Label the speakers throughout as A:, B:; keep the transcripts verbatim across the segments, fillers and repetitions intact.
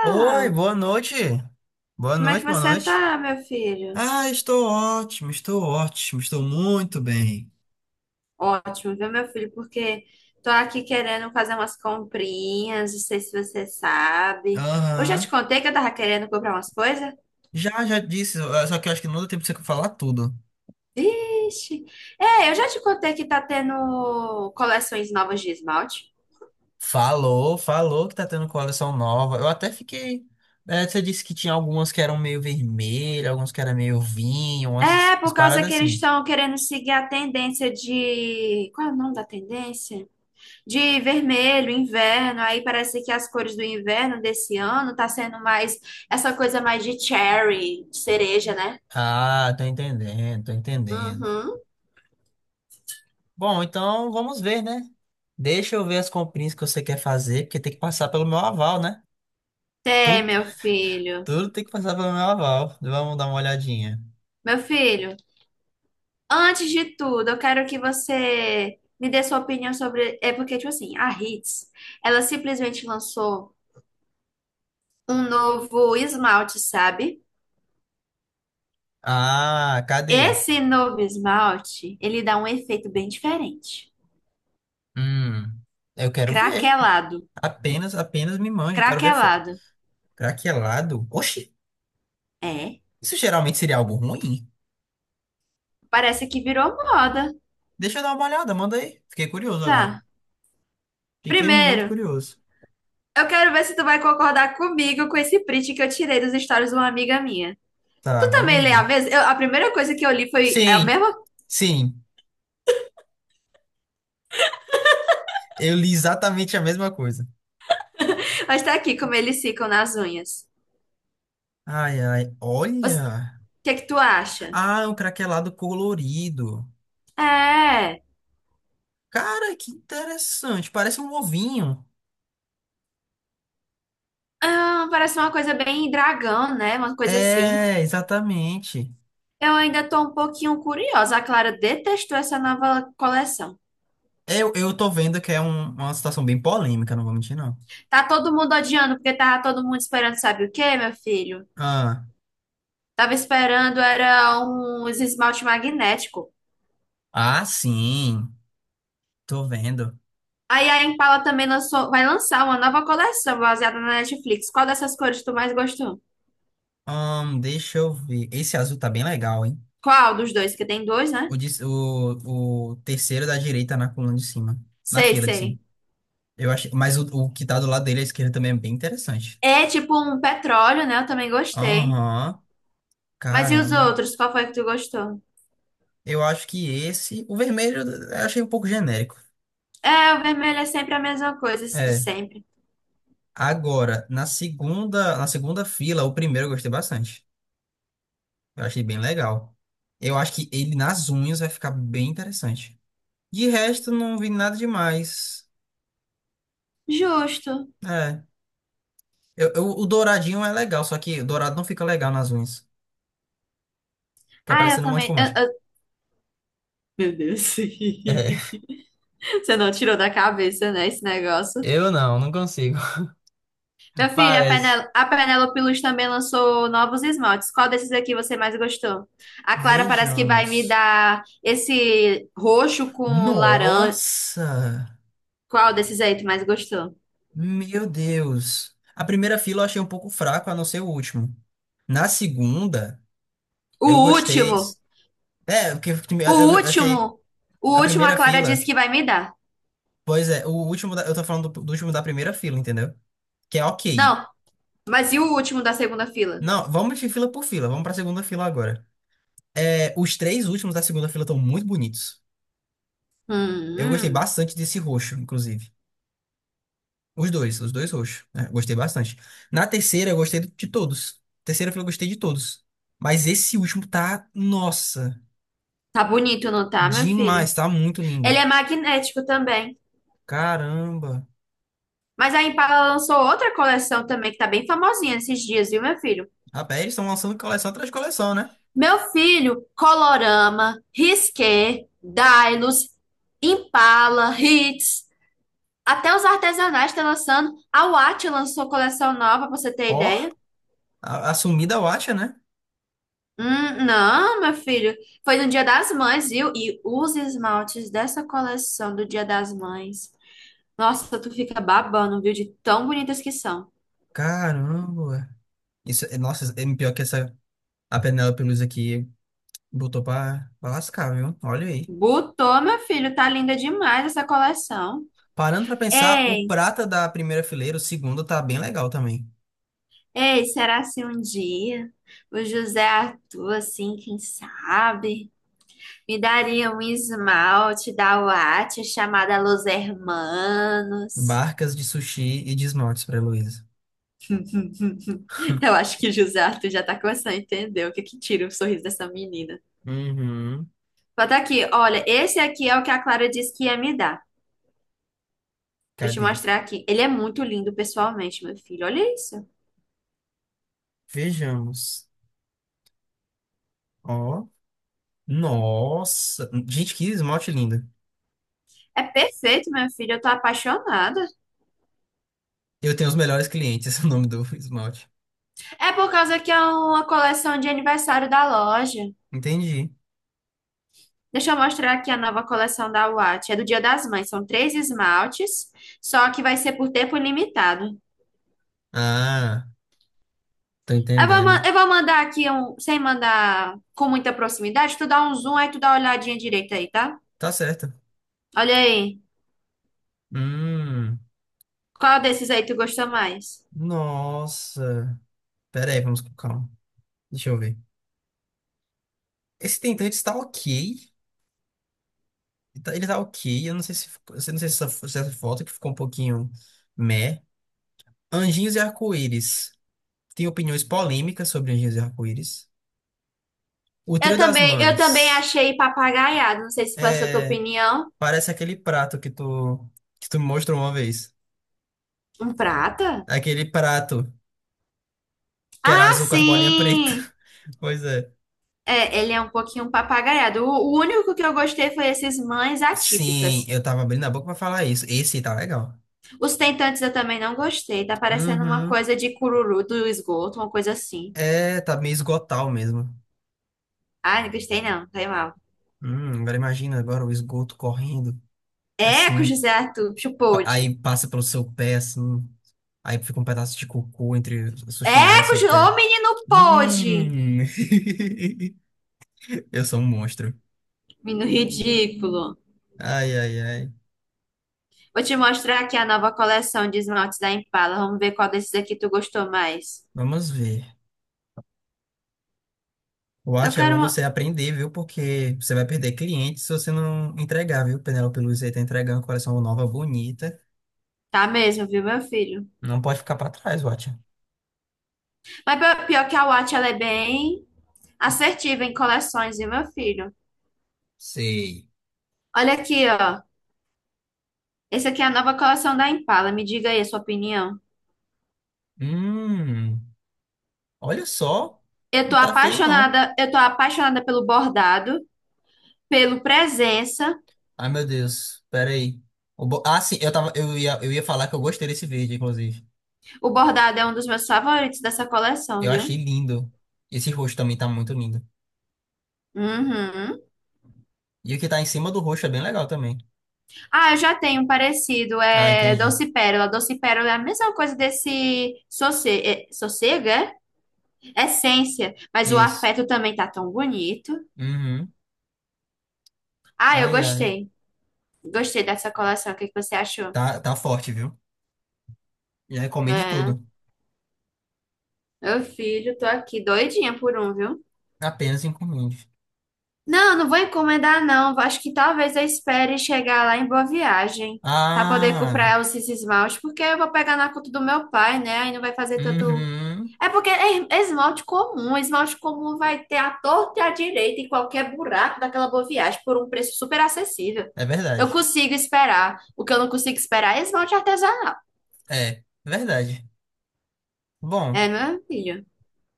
A: Oi, boa noite. Boa
B: Como é que
A: noite, boa
B: você
A: noite.
B: tá, meu filho?
A: Ah, estou ótimo, estou ótimo, estou muito bem.
B: Ótimo, viu, meu filho? Porque tô aqui querendo fazer umas comprinhas, não sei se você sabe. Eu já te
A: Aham.
B: contei que eu tava querendo comprar umas coisas?
A: Já, já disse, eh, só que eu acho que não deu tempo de você falar tudo.
B: Vixe! É, eu já te contei que tá tendo coleções novas de esmalte.
A: Falou, falou que tá tendo coleção nova. Eu até fiquei. Eh, você disse que tinha algumas que eram meio vermelhas, algumas que eram meio vinho,
B: É,
A: umas, umas
B: por causa
A: paradas
B: que eles
A: assim.
B: estão querendo seguir a tendência de... Qual é o nome da tendência? De vermelho, inverno, aí parece que as cores do inverno desse ano tá sendo mais essa coisa mais de cherry, de cereja, né?
A: Ah, tô entendendo, tô entendendo.
B: Uhum.
A: Bom, então vamos ver, né? Deixa eu ver as comprinhas que você quer fazer, porque tem que passar pelo meu aval, né? Tu
B: Tem, meu filho.
A: Tudo tem que passar pelo meu aval. Vamos dar uma olhadinha.
B: Meu filho, antes de tudo, eu quero que você me dê sua opinião sobre. É porque, tipo assim, a Hits, ela simplesmente lançou um novo esmalte, sabe?
A: Ah, cadê?
B: Esse novo esmalte, ele dá um efeito bem diferente.
A: Hum, eu quero ver.
B: Craquelado.
A: Apenas, apenas me manjo. Quero ver foto.
B: Craquelado.
A: Craquelado? Oxi,
B: É.
A: isso geralmente seria algo ruim?
B: Parece que virou moda.
A: Deixa eu dar uma olhada, manda aí. Fiquei curioso agora.
B: Tá.
A: Fiquei muito
B: Primeiro,
A: curioso.
B: eu quero ver se tu vai concordar comigo com esse print que eu tirei dos stories de uma amiga minha.
A: Tá,
B: Tu também
A: vamos
B: lê a
A: ver.
B: mesma? Eu- a primeira coisa que eu li foi é a
A: Sim,
B: mesma.
A: sim. Eu li exatamente a mesma coisa.
B: Mas tá aqui como eles ficam nas unhas.
A: Ai, ai,
B: Os-
A: olha.
B: O que é que tu acha?
A: Ah, é um craquelado colorido.
B: É.
A: Cara, que interessante. Parece um ovinho.
B: Ah, parece uma coisa bem dragão, né? Uma coisa assim.
A: É, exatamente.
B: Eu ainda tô um pouquinho curiosa. A Clara detestou essa nova coleção.
A: Eu, eu tô vendo que é um- uma situação bem polêmica, não vou mentir, não.
B: Tá todo mundo odiando porque tava todo mundo esperando, sabe o quê, meu filho?
A: Ah,
B: Tava esperando era uns esmalte magnético.
A: ah, sim. Tô vendo.
B: Aí a Impala também lançou, vai lançar uma nova coleção baseada na Netflix. Qual dessas cores tu mais gostou?
A: Ahn, deixa eu ver. Esse azul tá bem legal, hein?
B: Qual dos dois? Que tem dois, né?
A: O, de- o, o terceiro é da direita na coluna de cima. Na
B: Sei,
A: fila de cima.
B: sei.
A: Eu achei, mas o, o que tá do lado dele à esquerda também é bem interessante.
B: É tipo um petróleo, né? Eu também gostei.
A: Aham,
B: Mas e os
A: caramba.
B: outros? Qual foi que tu gostou?
A: Eu acho que esse. O vermelho eu achei um pouco genérico.
B: É, o vermelho é sempre a mesma coisa, de
A: É.
B: sempre.
A: Agora, na segunda, na segunda fila, o primeiro eu gostei bastante. Eu achei bem legal. Eu acho que ele nas unhas vai ficar bem interessante. De resto, não vi nada demais.
B: Justo.
A: É. Eu, eu- o douradinho é legal, só que o dourado não fica legal nas unhas. Fica
B: Ah, eu
A: parecendo um monte de
B: também. eu-
A: fumante.
B: eu- Meu Deus.
A: É,
B: Você não tirou da cabeça, né, esse negócio?
A: eu não, não consigo.
B: Meu filho, a
A: Parece.
B: Penel- a Penélope Luz também lançou novos esmaltes. Qual desses aqui você mais gostou? A Clara parece que vai me
A: Vejamos.
B: dar esse roxo com laranja.
A: Nossa!
B: Qual desses aí tu mais gostou?
A: Meu Deus! A primeira fila eu achei um pouco fraco, a não ser o último. Na segunda,
B: O
A: eu gostei.
B: último!
A: É, porque
B: O
A: eu achei.
B: último! O
A: Da
B: último a
A: primeira
B: Clara disse
A: fila.
B: que vai me dar.
A: Pois é, o último da- eu tô falando do, do último da primeira fila, entendeu? Que é ok.
B: Não, mas e o último da segunda fila?
A: Não, vamos de fila por fila, vamos pra segunda fila agora. É, os três últimos da segunda fila estão muito bonitos. Eu gostei
B: Hum,
A: bastante desse roxo, inclusive. Os dois, os dois roxos, né? Gostei bastante. Na terceira, eu gostei de todos. Terceira fila, eu gostei de todos. Mas esse último tá, nossa,
B: tá bonito, não tá, meu filho?
A: demais, tá muito lindo.
B: Ele é magnético também.
A: Caramba.
B: Mas a Impala lançou outra coleção também que tá bem famosinha esses dias, viu, meu filho?
A: Rapaz, eles estão lançando coleção atrás de coleção, né?
B: Meu filho, Colorama, Risqué, Dailos, Impala, Hits, até os artesanais estão lançando. A Watch lançou coleção nova, pra você ter
A: Ó,
B: ideia.
A: a, a sumida Watcha, né?
B: Hum, não, meu filho, foi no Dia das Mães, viu? E os esmaltes dessa coleção do Dia das Mães. Nossa, tu fica babando, viu? De tão bonitas que são.
A: Caramba, isso, é, nossa, é pior que essa a Penélope Luz aqui botou pra, pra lascar, viu? Olha aí.
B: Botou, meu filho, tá linda demais essa coleção.
A: Parando pra pensar,
B: É.
A: o prata da primeira fileira, o segundo, tá bem legal também.
B: Ei, será se um dia o José Arthur, assim, quem sabe, me daria um esmalte da Watch chamada Los Hermanos?
A: Barcas de sushi e de esmaltes pra Heloísa.
B: Eu acho que o José Arthur já tá começando a entender o que que tira o sorriso dessa menina.
A: Uhum.
B: Bota aqui, olha, esse aqui é o que a Clara disse que ia me dar. Deixa eu te
A: Cadê?
B: mostrar aqui. Ele é muito lindo pessoalmente, meu filho. Olha isso.
A: Vejamos. Ó. Nossa! Gente, que esmalte lindo.
B: É perfeito, meu filho. Eu tô apaixonada.
A: Eu tenho os melhores clientes, o nome do esmalte.
B: É por causa que é uma coleção de aniversário da loja.
A: Entendi.
B: Deixa eu mostrar aqui a nova coleção da Watch. É do Dia das Mães. São três esmaltes, só que vai ser por tempo ilimitado.
A: Ah, tô
B: Eu vou, ma-
A: entendendo.
B: eu vou mandar aqui, um, sem mandar com muita proximidade, tu dá um zoom aí, tu dá uma olhadinha direita aí, tá?
A: Tá certo.
B: Olha aí.
A: Hum.
B: Qual desses aí tu gostou mais?
A: Nossa. Pera aí, vamos com calma. Deixa eu ver. Esse tentante tá ok. Ele tá ele tá ok. Eu não sei se, ficou- eu não sei se essa, se essa foto que ficou um pouquinho meh. Anjinhos e Arco-Íris. Tem opiniões polêmicas sobre Anjinhos e Arco-Íris. O
B: Eu
A: Trio das
B: também, eu também
A: Mães.
B: achei papagaiado. Não sei se foi essa tua
A: É,
B: opinião.
A: parece aquele prato que tu, que tu me mostrou uma vez.
B: Um prata?
A: Aquele prato que era
B: Ah,
A: azul com as bolinhas pretas.
B: sim!
A: Pois é.
B: É, ele é um pouquinho papagaiado. O, o único que eu gostei foi esses mães
A: Sim,
B: atípicas.
A: eu tava abrindo a boca pra falar isso. Esse tá legal.
B: Os tentantes eu também não gostei. Tá parecendo uma
A: Uhum.
B: coisa de cururu do esgoto, uma coisa assim.
A: É, tá meio esgotal mesmo.
B: Ai, não gostei não, tá mal.
A: Hum, agora imagina agora o esgoto correndo,
B: Eco,
A: assim,
B: José Arthur, bicho
A: pa-
B: pôde.
A: aí passa pelo seu pé, assim, aí fica um pedaço de cocô entre o seu chinelo e
B: Eco,
A: seu
B: Ju- ô
A: pé.
B: menino pôde.
A: Hum, eu sou um monstro.
B: Menino ridículo.
A: Ai, ai, ai.
B: Vou te mostrar aqui a nova coleção de esmaltes da Impala. Vamos ver qual desses aqui tu gostou mais.
A: Vamos ver. Eu
B: Eu
A: acho que é
B: quero
A: bom você
B: uma...
A: aprender, viu? Porque você vai perder clientes se você não entregar, viu? Penélope Luiz aí tá entregando uma coleção nova, bonita.
B: Tá mesmo, viu, meu filho?
A: Não pode ficar pra trás, Watcha.
B: Mas pi- pior que a Watch, ela é bem assertiva em coleções, viu, meu filho?
A: Sei.
B: Olha aqui, ó. Esse aqui é a nova coleção da Impala. Me diga aí a sua opinião.
A: Hum, olha só.
B: Eu tô
A: Não tá feio, não.
B: apaixonada, eu tô apaixonada pelo bordado, pelo presença.
A: Ai, meu Deus. Pera aí. O bo- Ah, sim, eu tava, eu ia, eu ia falar que eu gostei desse verde, inclusive.
B: O bordado é um dos meus favoritos dessa coleção,
A: Eu achei
B: viu?
A: lindo. Esse roxo também tá muito lindo.
B: Uhum.
A: E o que tá em cima do roxo é bem legal também.
B: Ah, eu já tenho um parecido,
A: Ah,
B: é
A: entendi.
B: Doce Pérola. Doce Pérola é a mesma coisa desse sosse- é, sossego, é? É Essência, mas o
A: Isso.
B: afeto também tá tão bonito.
A: Uhum.
B: Ah, eu
A: Ai, ai.
B: gostei. Gostei dessa coleção. O que que você achou?
A: Tá, tá forte, viu? E aí, encomende
B: É,
A: tudo.
B: meu filho, tô aqui doidinha por um, viu?
A: Apenas encomende.
B: Não, não vou encomendar, não. Acho que talvez eu espere chegar lá em Boa Viagem para poder
A: Ah.
B: comprar esses esmalte, porque eu vou pegar na conta do meu pai, né? Aí não vai fazer tanto.
A: Uhum.
B: É porque é esmalte comum, esmalte comum vai ter a torta e a direita em qualquer buraco daquela Boa Viagem por um preço super acessível.
A: É
B: Eu
A: verdade.
B: consigo esperar. O que eu não consigo esperar é esmalte artesanal.
A: É, é verdade.
B: É,
A: Bom,
B: meu filho,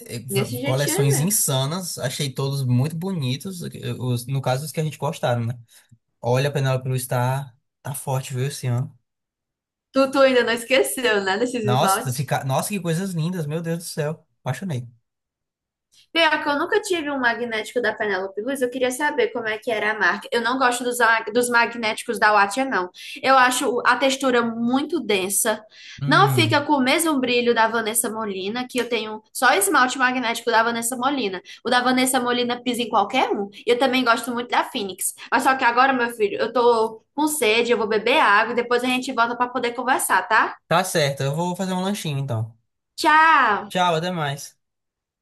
A: eh,
B: desse
A: v-
B: jeitinho aí
A: coleções
B: mesmo.
A: insanas. Achei todos muito bonitos. eh, Os, no caso, os que a gente gostaram, né? Olha, a Penélope Cruz tá, tá forte, viu, esse ano.
B: Tu, tu ainda não esqueceu, né, desses
A: Nossa,
B: esmaltes?
A: fica... Nossa, que coisas lindas, meu Deus do céu. Apaixonei.
B: Pior que eu nunca tive um magnético da Penélope Luiz, eu queria saber como é que era a marca. Eu não gosto dos, a- dos magnéticos da Wattia, não. Eu acho a textura muito densa. Não fica
A: Hum,
B: com o mesmo brilho da Vanessa Molina, que eu tenho só esmalte magnético da Vanessa Molina. O da Vanessa Molina pisa em qualquer um. E eu também gosto muito da Phoenix. Mas só que agora, meu filho, eu tô com sede, eu vou beber água e depois a gente volta pra poder conversar, tá?
A: tá certo, eu vou fazer um lanchinho então.
B: Tchau!
A: Tchau, até mais.